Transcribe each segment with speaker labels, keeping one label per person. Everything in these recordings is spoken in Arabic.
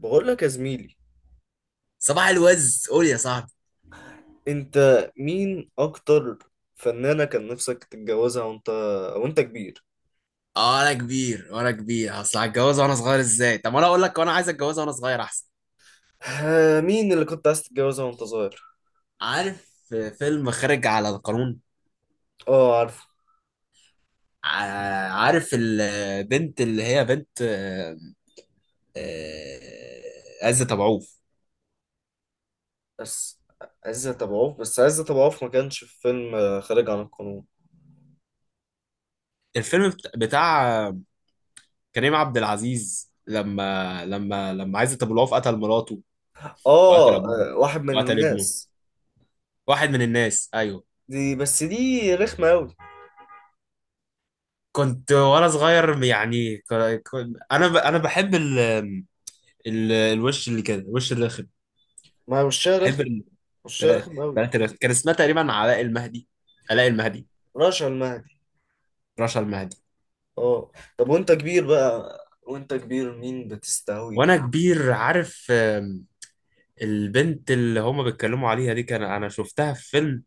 Speaker 1: بقول لك يا زميلي،
Speaker 2: صباح الوز، قول يا صاحبي.
Speaker 1: انت مين اكتر فنانة كان نفسك تتجوزها وانت وانت كبير؟
Speaker 2: اه، انا كبير وانا كبير اصل هتجوز وانا صغير ازاي؟ طب انا اقول لك، وانا عايز اتجوز وانا صغير احسن.
Speaker 1: مين اللي كنت عايز تتجوزها وانت صغير؟
Speaker 2: عارف فيلم خارج على القانون؟
Speaker 1: اه عارفه.
Speaker 2: عارف البنت اللي هي بنت، آه، عزت ابو عوف.
Speaker 1: بس عزت ابو عوف، ما كانش في فيلم خارج عن القانون.
Speaker 2: الفيلم بتاع كريم عبد العزيز، لما عزت ابو العوف قتل مراته، وقتل ابوه،
Speaker 1: واحد من
Speaker 2: وقتل ابنه.
Speaker 1: الناس.
Speaker 2: واحد من الناس، ايوه.
Speaker 1: دي، بس دي رخمة قوي.
Speaker 2: كنت وانا صغير، يعني، انا بحب الوش اللي كده، الوش الرخم.
Speaker 1: ما هو وشها
Speaker 2: بحب
Speaker 1: رخم، وشها
Speaker 2: البنات
Speaker 1: رخم قوي.
Speaker 2: البنات الرخم. كان اسمها تقريبا علاء المهدي.
Speaker 1: رشا المهدي.
Speaker 2: رشا المهدي.
Speaker 1: اه. طب وانت كبير بقى، وانت كبير مين بتستهوي؟
Speaker 2: وانا كبير عارف، البنت اللي هما بيتكلموا عليها دي كان انا شفتها في فيلم.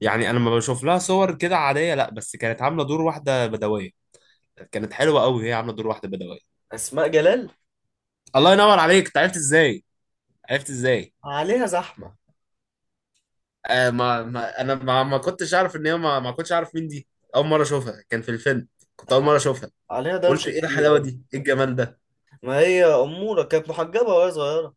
Speaker 2: يعني انا لما بشوف لها صور كده عاديه، لا، بس كانت عامله دور واحده بدويه. كانت حلوه قوي هي، عامله دور واحده بدويه.
Speaker 1: اسماء جلال.
Speaker 2: الله ينور عليك، أنت عرفت ازاي؟ عرفت ازاي؟
Speaker 1: عليها زحمة،
Speaker 2: آه، ما انا ما كنتش اعرف ان هي ما كنتش اعرف مين دي. اول مره اشوفها كان في الفيلم. كنت اول مره اشوفها.
Speaker 1: عليها
Speaker 2: قلت
Speaker 1: دوشة
Speaker 2: ايه
Speaker 1: كتير
Speaker 2: الحلاوه
Speaker 1: أوي.
Speaker 2: دي؟ ايه الجمال ده؟
Speaker 1: ما هي أمورة، كانت محجبة وهي صغيرة.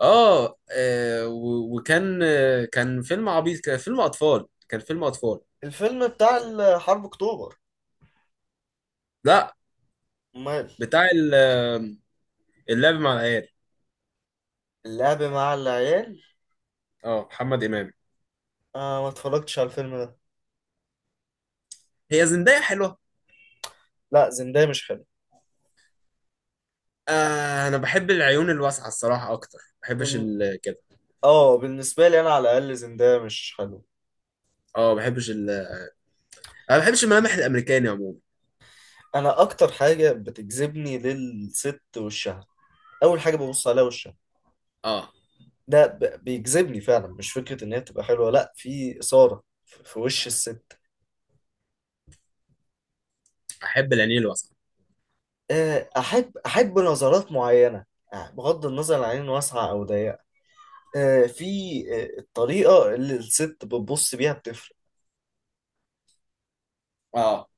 Speaker 2: اه. وكان آه، كان فيلم عبيط. كان فيلم اطفال، كان فيلم اطفال.
Speaker 1: الفيلم بتاع حرب أكتوبر؟
Speaker 2: لا.
Speaker 1: أمال؟
Speaker 2: بتاع اللعب مع العيال.
Speaker 1: اللعب مع العيال.
Speaker 2: اه، محمد امام.
Speaker 1: آه، ما اتفرجتش على الفيلم ده.
Speaker 2: هي زندايا حلوه.
Speaker 1: لا، زندايا مش حلو.
Speaker 2: آه، انا بحب العيون الواسعه الصراحه اكتر. ما بحبش
Speaker 1: بال-
Speaker 2: كده.
Speaker 1: اه، بالنسبة لي أنا على الأقل زندايا مش حلو.
Speaker 2: اه، ما بحبش انا ما بحبش الملامح الامريكاني عموما.
Speaker 1: أنا أكتر حاجة بتجذبني للست وشها، أول حاجة ببص عليها وشها.
Speaker 2: اه،
Speaker 1: بيجذبني فعلا، مش فكرة إن هي تبقى حلوة، لا، في إثارة في وش الست.
Speaker 2: احب العينين الواسعه.
Speaker 1: أحب نظرات معينة، بغض النظر عن عين واسعة أو ضيقة. آه، في آه، الطريقة اللي الست بتبص بيها بتفرق.
Speaker 2: اه،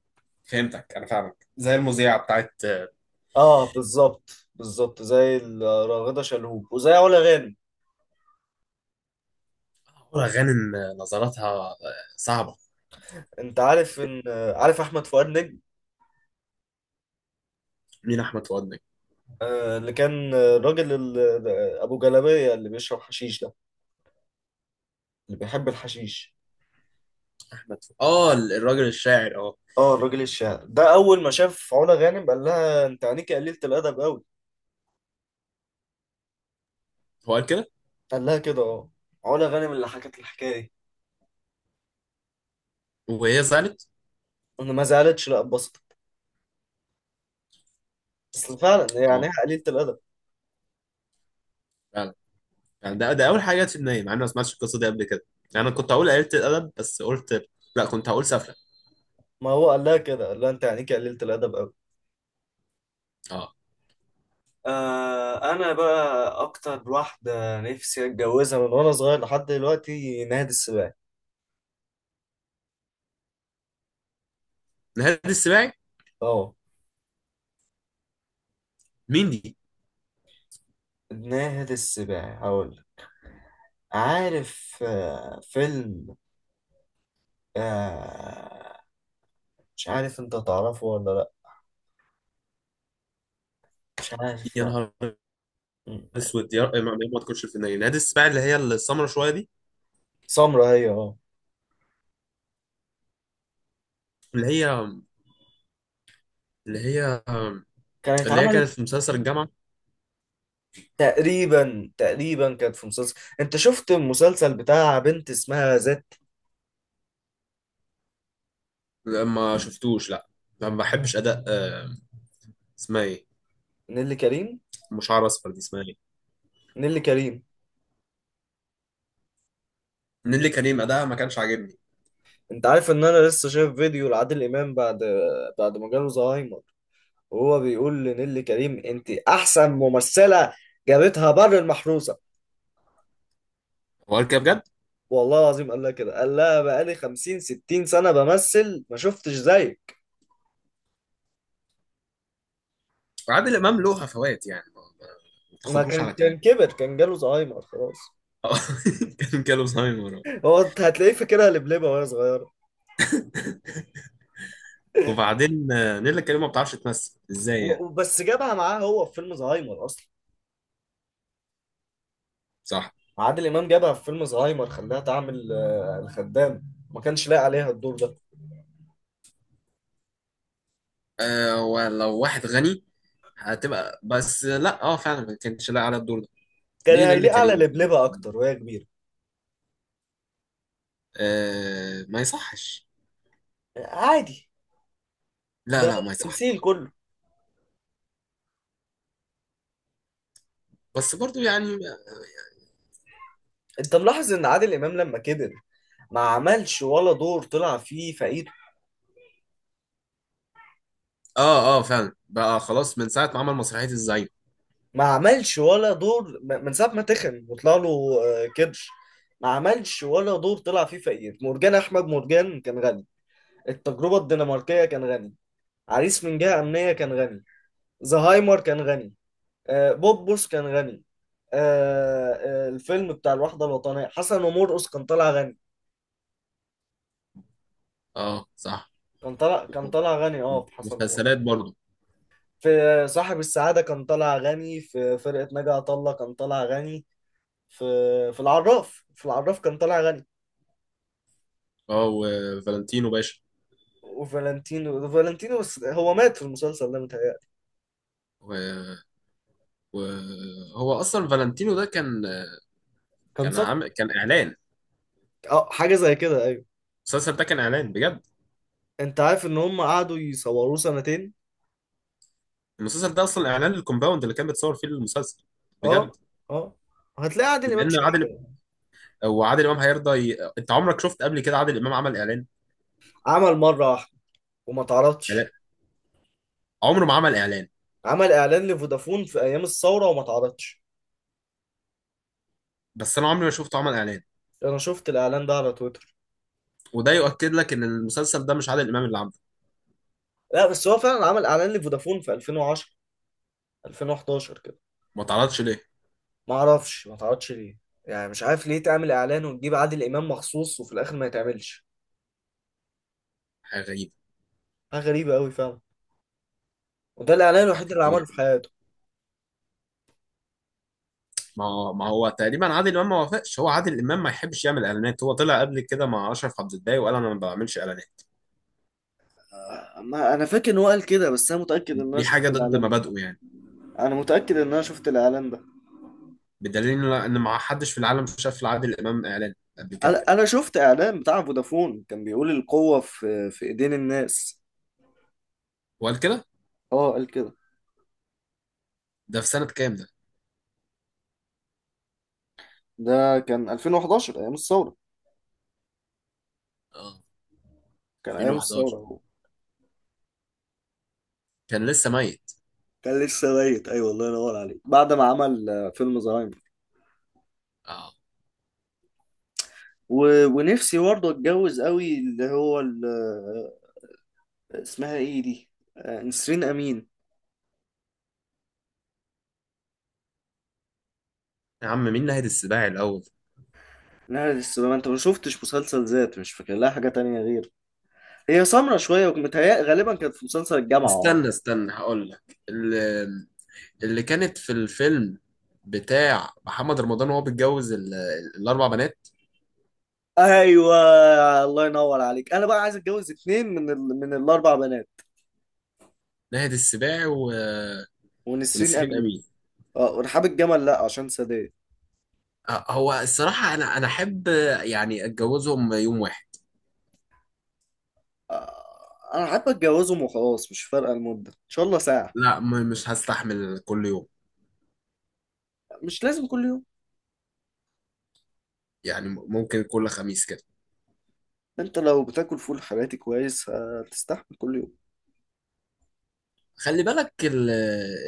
Speaker 2: فهمتك. انا فاهمك زي المذيعه بتاعت
Speaker 1: اه بالظبط، بالظبط زي راغدة شلهوب وزي علا غانم.
Speaker 2: غانم. نظراتها صعبه.
Speaker 1: انت عارف ان عارف احمد فؤاد نجم؟
Speaker 2: مين احمد فؤاد نجم؟
Speaker 1: آه، اللي كان آه، الراجل ال- آه، ابو جلابية اللي بيشرب حشيش ده، اللي بيحب الحشيش.
Speaker 2: مدفوع؟ اه، الراجل الشاعر، اه.
Speaker 1: اه الراجل الشاعر ده اول ما شاف علا غانم قال لها انت عينيكي قليلة الادب قوي.
Speaker 2: هو قال كده؟
Speaker 1: قال لها كده، اه. علا غانم اللي حكت الحكاية دي.
Speaker 2: وهي زعلت؟
Speaker 1: انا ما زعلتش، لا اتبسطت. اصل فعلا يعني
Speaker 2: اه،
Speaker 1: إيه قليلة الادب؟
Speaker 2: فعلا. يعني ده اول حاجه جت في دماغي، مع اني ما سمعتش القصه دي قبل كده. يعني انا كنت هقول قلة الادب، بس قلت لا، كنت هقول سفله.
Speaker 1: ما هو قال لها كده، قال لها انت عينيكي قليلة الادب قوي.
Speaker 2: اه.
Speaker 1: آه، انا بقى اكتر واحده نفسي اتجوزها من وانا صغير لحد دلوقتي ناهد السباعي.
Speaker 2: نهاد السباعي؟
Speaker 1: اه،
Speaker 2: مين دي؟
Speaker 1: ناهد السباعي هقول لك. عارف آه فيلم، آه مش عارف انت تعرفه ولا لا، مش عارف
Speaker 2: يا
Speaker 1: لا.
Speaker 2: نهار
Speaker 1: م-
Speaker 2: اسود، يا رب ما تكونش في دماغي نهاد السباعي اللي هي السمرة شويه دي.
Speaker 1: سمرة هي، اه.
Speaker 2: اللي هي اللي هي
Speaker 1: كانت
Speaker 2: اللي هي
Speaker 1: اتعملت
Speaker 2: كانت في مسلسل الجامعه.
Speaker 1: تقريبا، كانت في مسلسل. انت شفت المسلسل بتاع بنت اسمها ذات؟
Speaker 2: لا، ما شفتوش، لا. ما بحبش اداء اسمها ايه؟
Speaker 1: نيللي كريم.
Speaker 2: مش عارف اصفر دي اسمها ايه؟
Speaker 1: نيللي كريم.
Speaker 2: نيللي كريم. اداءها ما كانش عاجبني.
Speaker 1: انت عارف ان انا لسه شايف فيديو لعادل امام بعد ما جاله زهايمر وهو بيقول لنيللي كريم انت احسن ممثله، جابتها بر المحروسه.
Speaker 2: هو قال كده بجد؟
Speaker 1: والله العظيم قال لها كده، قال لها بقالي 50 60 سنه بمثل ما شفتش زيك.
Speaker 2: وعادل امام له هفوات، يعني ما ما
Speaker 1: ما
Speaker 2: تاخدوش
Speaker 1: كان
Speaker 2: على كلامه.
Speaker 1: كان كبر، كان جاله زهايمر خلاص.
Speaker 2: آه. كان جاله الزهايمر.
Speaker 1: هو انت هتلاقيه فاكرها لبلبه وهي صغيره.
Speaker 2: وبعدين نيللي كريم ما بتعرفش تمثل ازاي يعني.
Speaker 1: وبس جابها معاه هو في فيلم زهايمر اصلا.
Speaker 2: صح.
Speaker 1: عادل امام جابها في فيلم زهايمر، خلاها تعمل الخدام، ما كانش لايق عليها الدور ده.
Speaker 2: أه، ولو واحد غني هتبقى، بس لا، اه، فعلا ما كانش لاقي على الدور ده.
Speaker 1: كان
Speaker 2: ليه نيللي
Speaker 1: هيليق على
Speaker 2: كريم؟
Speaker 1: لبلبه اكتر وهي كبيره.
Speaker 2: أه، ما يصحش.
Speaker 1: عادي،
Speaker 2: لا،
Speaker 1: ده
Speaker 2: لا، ما
Speaker 1: التمثيل
Speaker 2: يصحش.
Speaker 1: كله.
Speaker 2: بس برضو يعني.
Speaker 1: انت ملاحظ ان عادل امام لما كبر ما عملش ولا دور طلع فيه فقير.
Speaker 2: اه، اه، فعلا بقى خلاص من ساعة ما عمل مسرحية الزعيم.
Speaker 1: ما عملش ولا دور من ساعه ما تخن وطلع له كرش. ما عملش ولا دور طلع فيه فقير. مرجان احمد مرجان كان غني، التجربه الدنماركيه كان غني، عريس من جهه امنيه كان غني، زهايمر كان غني، بوبوس كان غني، آه، الفيلم بتاع الوحده الوطنيه حسن ومرقص كان طالع غني.
Speaker 2: اه، صح.
Speaker 1: كان طالع غني اه في حسن ومرقص.
Speaker 2: مسلسلات برضو.
Speaker 1: في صاحب السعادة كان طالع غني، في فرقة ناجي عطا الله كان طالع غني، في في العراف في العراف كان طالع غني.
Speaker 2: اه، وفالنتينو باشا.
Speaker 1: وفالنتينو، بس هو مات في المسلسل ده متهيألي.
Speaker 2: وهو اصلا فالنتينو ده كان،
Speaker 1: كان
Speaker 2: كان عام،
Speaker 1: سقط.
Speaker 2: كان اعلان.
Speaker 1: اه حاجة زي كده، ايوه.
Speaker 2: المسلسل ده كان اعلان بجد.
Speaker 1: انت عارف ان هم قعدوا يصوروه سنتين.
Speaker 2: المسلسل ده اصلا اعلان للكومباوند اللي كان بيتصور فيه المسلسل. بجد.
Speaker 1: اه. اه هتلاقي عادل امام
Speaker 2: لان عادل،
Speaker 1: شريف.
Speaker 2: وعادل امام هيرضى انت عمرك شفت قبل كده عادل امام عمل اعلان؟
Speaker 1: عمل مرة واحدة وما
Speaker 2: لا.
Speaker 1: اتعرضش.
Speaker 2: عمره ما عمل اعلان.
Speaker 1: عمل اعلان لفودافون في ايام الثورة وما اتعرضش.
Speaker 2: بس انا عمري ما شفته عمل اعلان.
Speaker 1: انا شفت الاعلان ده على تويتر.
Speaker 2: وده يؤكد لك ان المسلسل ده مش عادل امام اللي عامله.
Speaker 1: لا، بس هو فعلا عمل اعلان لفودافون في 2010، 2011.
Speaker 2: ما اتعرضش ليه.
Speaker 1: ما اعرفش ما تعرضش ليه. يعني مش عارف ليه تعمل اعلان وتجيب عادل امام مخصوص وفي الاخر ما يتعملش.
Speaker 2: حاجه غريبه.
Speaker 1: حاجه غريبه قوي فعلا. وده الاعلان
Speaker 2: بعدين
Speaker 1: الوحيد اللي عمله في
Speaker 2: يعني،
Speaker 1: حياته.
Speaker 2: ما هو تقريبا عادل امام ما وافقش. هو عادل امام ما يحبش يعمل اعلانات. هو طلع قبل كده مع اشرف عبد الباقي وقال انا ما بعملش اعلانات.
Speaker 1: ما انا فاكر ان هو قال كده، بس انا متاكد ان انا
Speaker 2: دي حاجه
Speaker 1: شفت
Speaker 2: ضد
Speaker 1: الاعلان ده.
Speaker 2: مبادئه يعني.
Speaker 1: انا متاكد ان انا شفت الاعلان ده
Speaker 2: بدليل ان ما حدش في العالم شاف لعادل امام اعلان قبل كده.
Speaker 1: انا شفت اعلان بتاع فودافون كان بيقول القوه في ايدين الناس.
Speaker 2: وقال كده؟
Speaker 1: اه قال كده.
Speaker 2: ده في سنه كام ده؟
Speaker 1: ده كان 2011 ايام الثوره،
Speaker 2: اه،
Speaker 1: كان ايام الثوره
Speaker 2: 2011
Speaker 1: هو،
Speaker 2: كان لسه ميت.
Speaker 1: كان لسه ميت. ايوه الله ينور عليك، بعد ما عمل فيلم زهايمر.
Speaker 2: اه،
Speaker 1: و... ونفسي برضه اتجوز قوي اللي هو ال... اسمها ايه دي، نسرين امين.
Speaker 2: يا عم، مين ناهد السباعي الاول.
Speaker 1: نهر السلامه، انت ما شفتش مسلسل ذات؟ مش فاكر لها حاجه تانية غير، هي سمرة شويه، ومتهيأ غالبا كانت في مسلسل الجامعه، اه.
Speaker 2: استنى استنى، هقول لك اللي كانت في الفيلم بتاع محمد رمضان وهو بيتجوز الاربع بنات.
Speaker 1: ايوه الله ينور عليك، انا بقى عايز اتجوز اتنين من ال... من الاربع بنات،
Speaker 2: ناهد السباعي و...
Speaker 1: ونسرين
Speaker 2: ونسرين
Speaker 1: امين.
Speaker 2: امين.
Speaker 1: اه ورحاب الجمل، لا عشان سادات.
Speaker 2: أه، هو الصراحه انا احب يعني اتجوزهم يوم واحد.
Speaker 1: آه، انا حابب اتجوزهم وخلاص، مش فارقه المده ان شاء الله ساعه.
Speaker 2: لا، مش هستحمل كل يوم.
Speaker 1: مش لازم كل يوم.
Speaker 2: يعني ممكن كل خميس كده.
Speaker 1: انت لو بتاكل فول حراتي كويس هتستحمل كل يوم.
Speaker 2: خلي بالك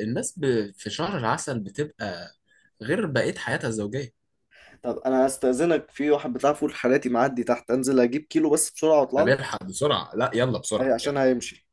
Speaker 2: الناس في شهر العسل بتبقى غير بقية حياتها الزوجية.
Speaker 1: طب انا هستأذنك، في واحد بتاع فول حراتي معدي تحت، انزل اجيب كيلو بس بسرعة واطلع لك.
Speaker 2: بيلحق بسرعة. لا، يلا بسرعة، يلا.
Speaker 1: عشان هيمشي.